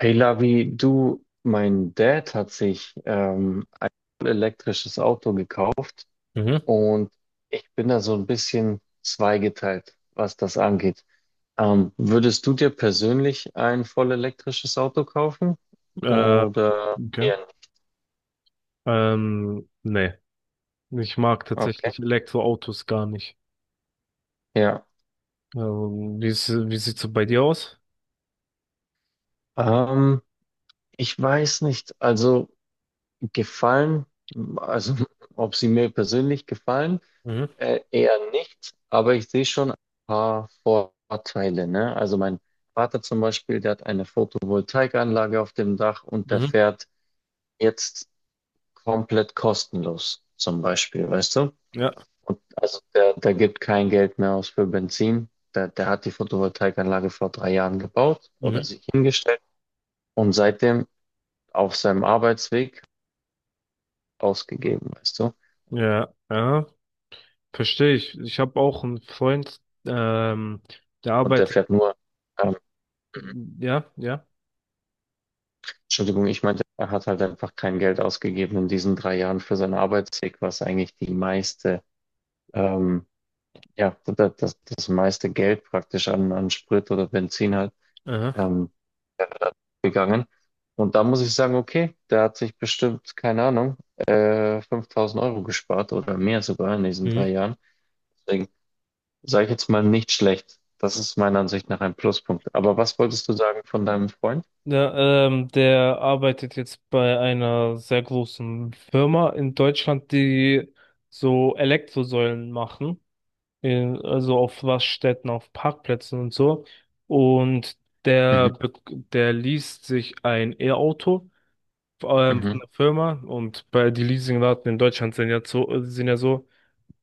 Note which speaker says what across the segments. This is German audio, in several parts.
Speaker 1: Hey Lavi, du, mein Dad hat sich ein elektrisches Auto gekauft,
Speaker 2: Mhm.
Speaker 1: und ich bin da so ein bisschen zweigeteilt, was das angeht. Würdest du dir persönlich ein voll elektrisches Auto kaufen
Speaker 2: Äh,
Speaker 1: oder
Speaker 2: okay.
Speaker 1: eher nicht?
Speaker 2: Nee. Ich mag
Speaker 1: Okay.
Speaker 2: tatsächlich Elektroautos gar nicht.
Speaker 1: Ja,
Speaker 2: Wie ist, wie sieht's so bei dir aus?
Speaker 1: ähm, ich weiß nicht, also gefallen, also ob sie mir persönlich gefallen.
Speaker 2: Mhm.
Speaker 1: Eher nicht, aber ich sehe schon ein paar Vorteile, ne? Also mein Vater zum Beispiel, der hat eine Photovoltaikanlage auf dem Dach, und der
Speaker 2: Mhm.
Speaker 1: fährt jetzt komplett kostenlos, zum Beispiel, weißt du?
Speaker 2: Ja.
Speaker 1: Und also der gibt kein Geld mehr aus für Benzin. Der hat die Photovoltaikanlage vor 3 Jahren gebaut oder
Speaker 2: Mhm.
Speaker 1: sich hingestellt, und seitdem auf seinem Arbeitsweg ausgegeben, weißt du?
Speaker 2: Ja. Ja. Verstehe ich. Ich habe auch einen Freund, der
Speaker 1: Und der
Speaker 2: arbeitet.
Speaker 1: fährt nur ähm,
Speaker 2: Ja, ja.
Speaker 1: Entschuldigung, ich meinte, er hat halt einfach kein Geld ausgegeben in diesen 3 Jahren für seinen Arbeitsweg, was eigentlich die meiste, ähm, ja, das meiste Geld praktisch an Sprit oder Benzin halt
Speaker 2: Aha.
Speaker 1: ähm, gegangen. Und da muss ich sagen, okay, der hat sich bestimmt, keine Ahnung, 5.000 Euro gespart oder mehr sogar in diesen drei
Speaker 2: Mhm.
Speaker 1: Jahren. Deswegen sage ich jetzt mal nicht schlecht. Das ist meiner Ansicht nach ein Pluspunkt. Aber was wolltest du sagen von deinem Freund?
Speaker 2: Ja, der arbeitet jetzt bei einer sehr großen Firma in Deutschland, die so Elektrosäulen machen, in, also auf Raststätten, auf Parkplätzen und so. Und
Speaker 1: Mhm,
Speaker 2: der, be- der liest sich ein E-Auto von
Speaker 1: mhm.
Speaker 2: der Firma, und bei die Leasingraten in Deutschland sind ja so,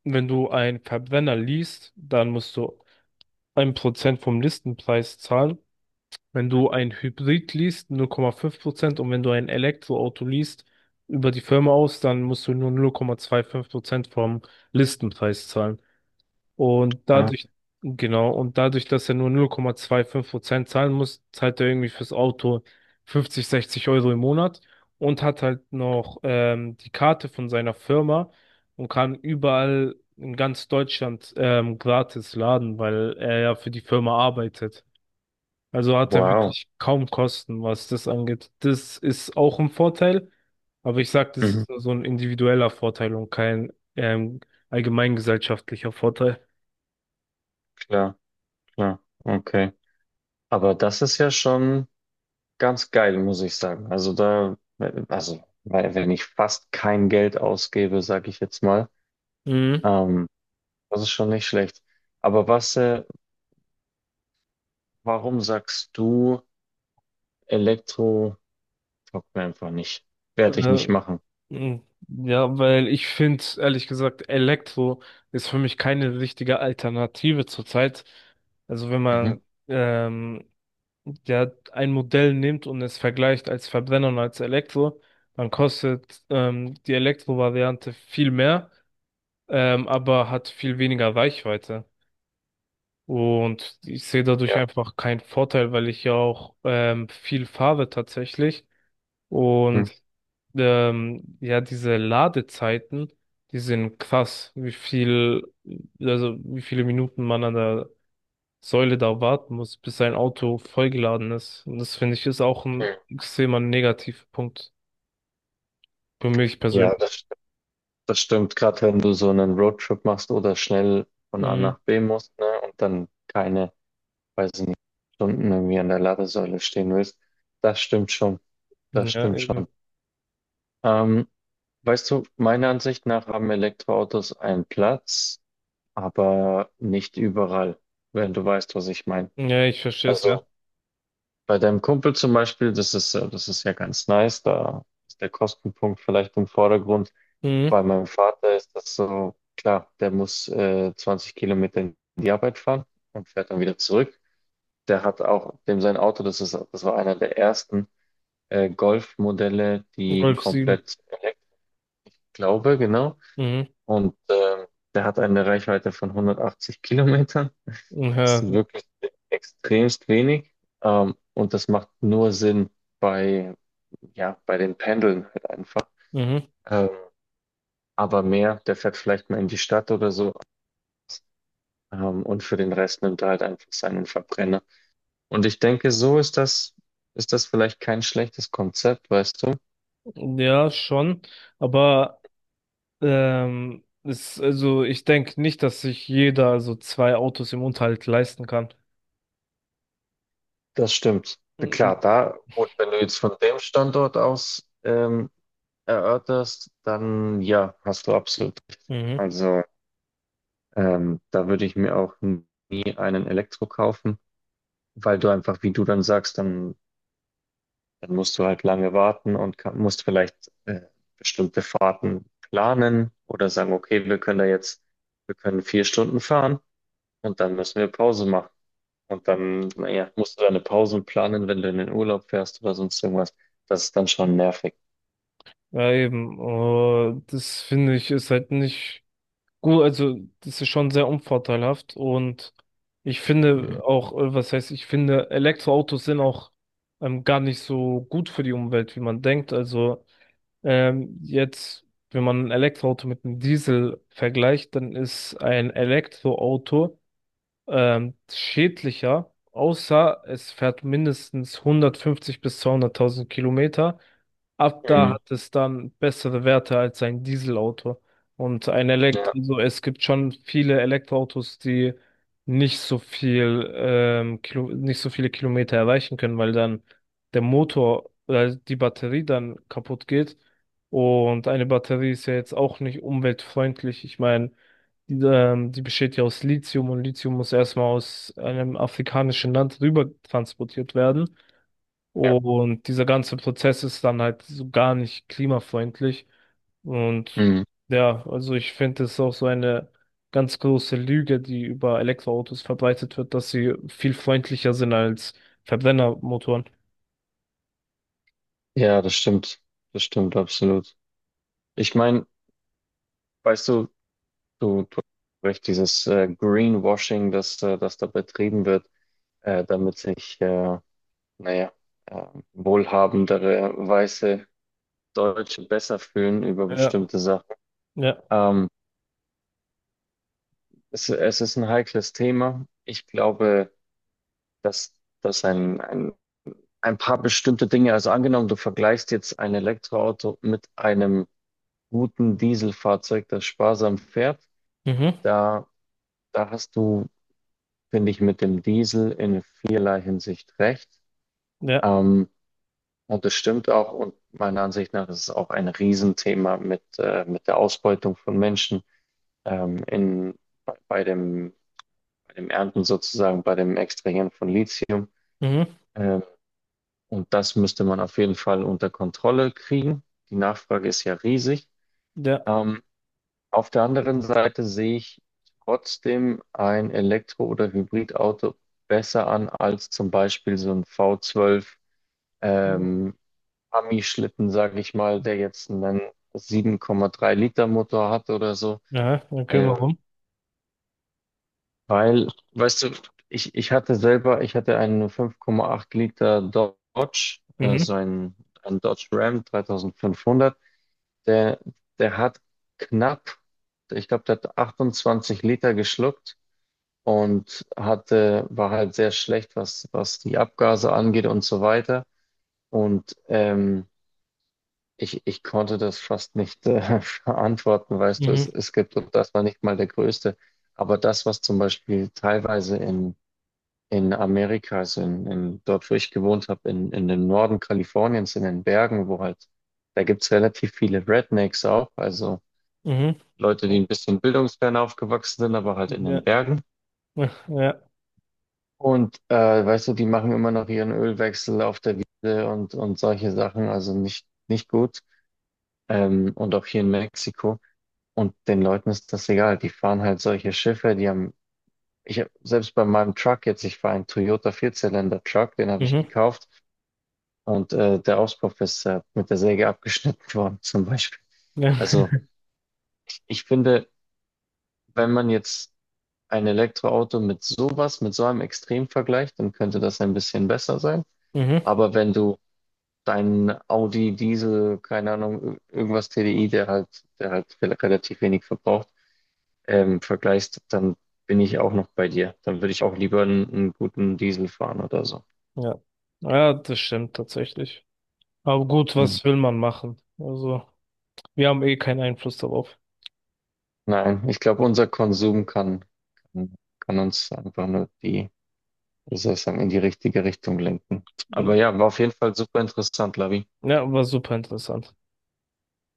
Speaker 2: wenn du einen Verbrenner liest, dann musst du ein Prozent vom Listenpreis zahlen. Wenn du ein Hybrid liest, 0,5%, und wenn du ein Elektroauto liest, über die Firma aus, dann musst du nur 0,25% vom Listenpreis zahlen. Und
Speaker 1: Ah,
Speaker 2: dadurch, genau, und dadurch, dass er nur 0,25% zahlen muss, zahlt er irgendwie fürs Auto 50, 60 € im Monat und hat halt noch die Karte von seiner Firma und kann überall in ganz Deutschland gratis laden, weil er ja für die Firma arbeitet. Also hat er
Speaker 1: wow.
Speaker 2: wirklich kaum Kosten, was das angeht. Das ist auch ein Vorteil, aber ich sag, das
Speaker 1: Mhm,
Speaker 2: ist nur so ein individueller Vorteil und kein allgemeingesellschaftlicher Vorteil.
Speaker 1: klar. Ja, okay. Aber das ist ja schon ganz geil, muss ich sagen. Also da, also, weil, wenn ich fast kein Geld ausgebe, sage ich jetzt mal,
Speaker 2: Mhm.
Speaker 1: ähm, das ist schon nicht schlecht. Aber was, warum sagst du, Elektro taugt mir einfach nicht? Werde ich nicht
Speaker 2: Äh,
Speaker 1: machen.
Speaker 2: mh, ja, weil ich finde, ehrlich gesagt, Elektro ist für mich keine richtige Alternative zurzeit. Also wenn
Speaker 1: Mhm.
Speaker 2: man ähm, ja, ein Modell nimmt und es vergleicht als Verbrenner und als Elektro, dann kostet die Elektro-Variante viel mehr, aber hat viel weniger Reichweite. Und ich sehe dadurch
Speaker 1: Ja.
Speaker 2: einfach keinen Vorteil, weil ich ja auch viel fahre tatsächlich.
Speaker 1: Hm.
Speaker 2: Und ja, diese Ladezeiten, die sind krass, also wie viele Minuten man an der Säule da warten muss, bis sein Auto vollgeladen ist. Und das finde ich ist auch ein
Speaker 1: Hm.
Speaker 2: extremer Negativpunkt für mich
Speaker 1: Ja,
Speaker 2: persönlich.
Speaker 1: das stimmt. Gerade wenn du so einen Roadtrip machst oder schnell von A
Speaker 2: Mhm.
Speaker 1: nach B musst, ne, und dann keine, weiß ich nicht, Stunden irgendwie an der Ladesäule stehen willst. Das stimmt schon. Das
Speaker 2: Ja,
Speaker 1: stimmt schon.
Speaker 2: eben.
Speaker 1: Ähm, Weißt du, meiner Ansicht nach haben Elektroautos einen Platz, aber nicht überall, wenn du weißt, was ich meine.
Speaker 2: Ja, ich verstehe es, ja.
Speaker 1: Also bei deinem Kumpel zum Beispiel, das ist ja ganz nice, da ist der Kostenpunkt vielleicht im Vordergrund.
Speaker 2: Mhm.
Speaker 1: Bei meinem Vater ist das so, klar, der muss 20 Kilometer in die Arbeit fahren und fährt dann wieder zurück. Der hat auch, dem sein Auto, das war einer der ersten Golf-Modelle, die
Speaker 2: Golf sieben.
Speaker 1: komplett elektrisch, glaube, genau.
Speaker 2: Mhm.
Speaker 1: Und der hat eine Reichweite von 180 Kilometern. Das
Speaker 2: Ja,
Speaker 1: ist wirklich extremst wenig. Und das macht nur Sinn bei, ja, bei den Pendeln halt einfach.
Speaker 2: mhm.
Speaker 1: Ähm, aber mehr, der fährt vielleicht mal in die Stadt oder so. Und für den Rest nimmt er halt einfach seinen Verbrenner. Und ich denke, so ist das vielleicht kein schlechtes Konzept, weißt du?
Speaker 2: Ja, schon. Aber ist, also ich denke nicht, dass sich jeder so zwei Autos im Unterhalt leisten kann.
Speaker 1: Das stimmt.
Speaker 2: Mhm.
Speaker 1: Klar, da, gut, wenn du jetzt von dem Standort aus erörterst, dann ja, hast du absolut recht.
Speaker 2: Mhm.
Speaker 1: Also da würde ich mir auch nie einen Elektro kaufen, weil du einfach, wie du dann sagst, dann, dann musst du halt lange warten und musst vielleicht äh, bestimmte Fahrten planen oder sagen, okay, wir können da jetzt, wir können 4 Stunden fahren, und dann müssen wir Pause machen. Und dann, naja, musst du deine Pausen planen, wenn du in den Urlaub fährst oder sonst irgendwas. Das ist dann schon nervig.
Speaker 2: Ja, eben. Das finde ich ist halt nicht gut. Also das ist schon sehr unvorteilhaft, und ich
Speaker 1: Mhm.
Speaker 2: finde auch, was heißt, ich finde Elektroautos sind auch gar nicht so gut für die Umwelt, wie man denkt. Also ähm, jetzt, wenn man ein Elektroauto mit einem Diesel vergleicht, dann ist ein Elektroauto schädlicher, außer es fährt mindestens 150 bis 200.000 Kilometer. Ab da
Speaker 1: Mhm.
Speaker 2: hat es dann bessere Werte als ein Dieselauto.
Speaker 1: Ja,
Speaker 2: Also es gibt schon viele Elektroautos, die nicht so nicht so viele Kilometer erreichen können, weil dann der Motor oder die Batterie dann kaputt geht. Und eine Batterie ist ja jetzt auch nicht umweltfreundlich. Ich meine, die besteht ja aus Lithium, und Lithium muss erstmal aus einem afrikanischen Land rüber transportiert werden.
Speaker 1: ja.
Speaker 2: Und dieser ganze Prozess ist dann halt so gar nicht klimafreundlich. Und
Speaker 1: Mhm.
Speaker 2: ja, also ich finde es auch so eine ganz große Lüge, die über Elektroautos verbreitet wird, dass sie viel freundlicher sind als Verbrennermotoren.
Speaker 1: Ja, das stimmt. Das stimmt absolut. Ich meine, weißt du, du hast recht, dieses Greenwashing, das da betrieben wird, damit sich, naja, äh, wohlhabendere weiße Deutsche besser fühlen über
Speaker 2: Ja,
Speaker 1: bestimmte Sachen.
Speaker 2: ja,
Speaker 1: Ähm, es ist ein heikles Thema. Ich glaube, dass, dass ein ein paar bestimmte Dinge. Also angenommen, du vergleichst jetzt ein Elektroauto mit einem guten Dieselfahrzeug, das sparsam fährt.
Speaker 2: mhm,
Speaker 1: Da, da hast du, finde ich, mit dem Diesel in vielerlei Hinsicht recht.
Speaker 2: ja,
Speaker 1: Ähm, und das stimmt auch. Und meiner Ansicht nach ist es auch ein Riesenthema mit der Ausbeutung von Menschen in, bei, bei dem, bei dem Ernten sozusagen, bei dem Extrahieren von Lithium.
Speaker 2: mhm,
Speaker 1: Ähm, Und das müsste man auf jeden Fall unter Kontrolle kriegen. Die Nachfrage ist ja riesig.
Speaker 2: ja.
Speaker 1: Ähm, auf der anderen Seite sehe ich trotzdem ein Elektro- oder Hybridauto besser an als zum Beispiel so ein V12
Speaker 2: Mhm.
Speaker 1: ähm, Ami-Schlitten, sage ich mal, der jetzt einen 7,3 Liter Motor hat oder so.
Speaker 2: Ja, okay,
Speaker 1: Äh,
Speaker 2: warum?
Speaker 1: Weil, weißt du, ich hatte selber, ich hatte einen 5,8 Liter Dodge,
Speaker 2: Mhm,
Speaker 1: so ein Dodge Ram 3500. Der, der hat knapp, ich glaube, der hat 28 Liter geschluckt und hatte, war halt sehr schlecht, was die Abgase angeht und so weiter. Und ich konnte das fast nicht verantworten, weißt du,
Speaker 2: mhm,
Speaker 1: es gibt, und das war nicht mal der größte. Aber das, was zum Beispiel teilweise in Amerika, also dort, wo ich gewohnt habe, in dem Norden Kaliforniens, in den Bergen, wo halt, da gibt's relativ viele Rednecks auch, also
Speaker 2: mhm.
Speaker 1: Leute, die ein bisschen bildungsfern aufgewachsen sind, aber halt in
Speaker 2: Ja,
Speaker 1: den Bergen.
Speaker 2: ja.
Speaker 1: Und weißt du, die machen immer noch ihren Ölwechsel auf der Wiese und solche Sachen, also nicht, nicht gut. Und auch hier in Mexiko. Und den Leuten ist das egal. Die fahren halt solche Schiffe, die haben, ich hab, selbst bei meinem Truck jetzt, ich fahre einen Toyota Vierzylinder-Truck, den habe ich
Speaker 2: Mhm.
Speaker 1: gekauft, und der Auspuff ist mit der Säge abgeschnitten worden, zum Beispiel.
Speaker 2: Ja.
Speaker 1: Also ich finde, wenn man jetzt ein Elektroauto mit sowas, mit so einem Extremvergleich, dann könnte das ein bisschen besser sein.
Speaker 2: Mhm.
Speaker 1: Aber wenn du deinen Audi Diesel, keine Ahnung, irgendwas TDI, der halt relativ wenig verbraucht, vergleichst, dann bin ich auch noch bei dir. Dann würde ich auch lieber einen guten Diesel fahren oder so.
Speaker 2: Ja. Ja, das stimmt tatsächlich. Aber gut,
Speaker 1: Mhm.
Speaker 2: was will man machen? Also, wir haben eh keinen Einfluss darauf.
Speaker 1: Nein, ich glaube, unser Konsum kann uns einfach nur die, wie soll ich sagen, in die richtige Richtung lenken.
Speaker 2: Hm.
Speaker 1: Aber ja, war auf jeden Fall super interessant, Lavi.
Speaker 2: Ja, war super interessant.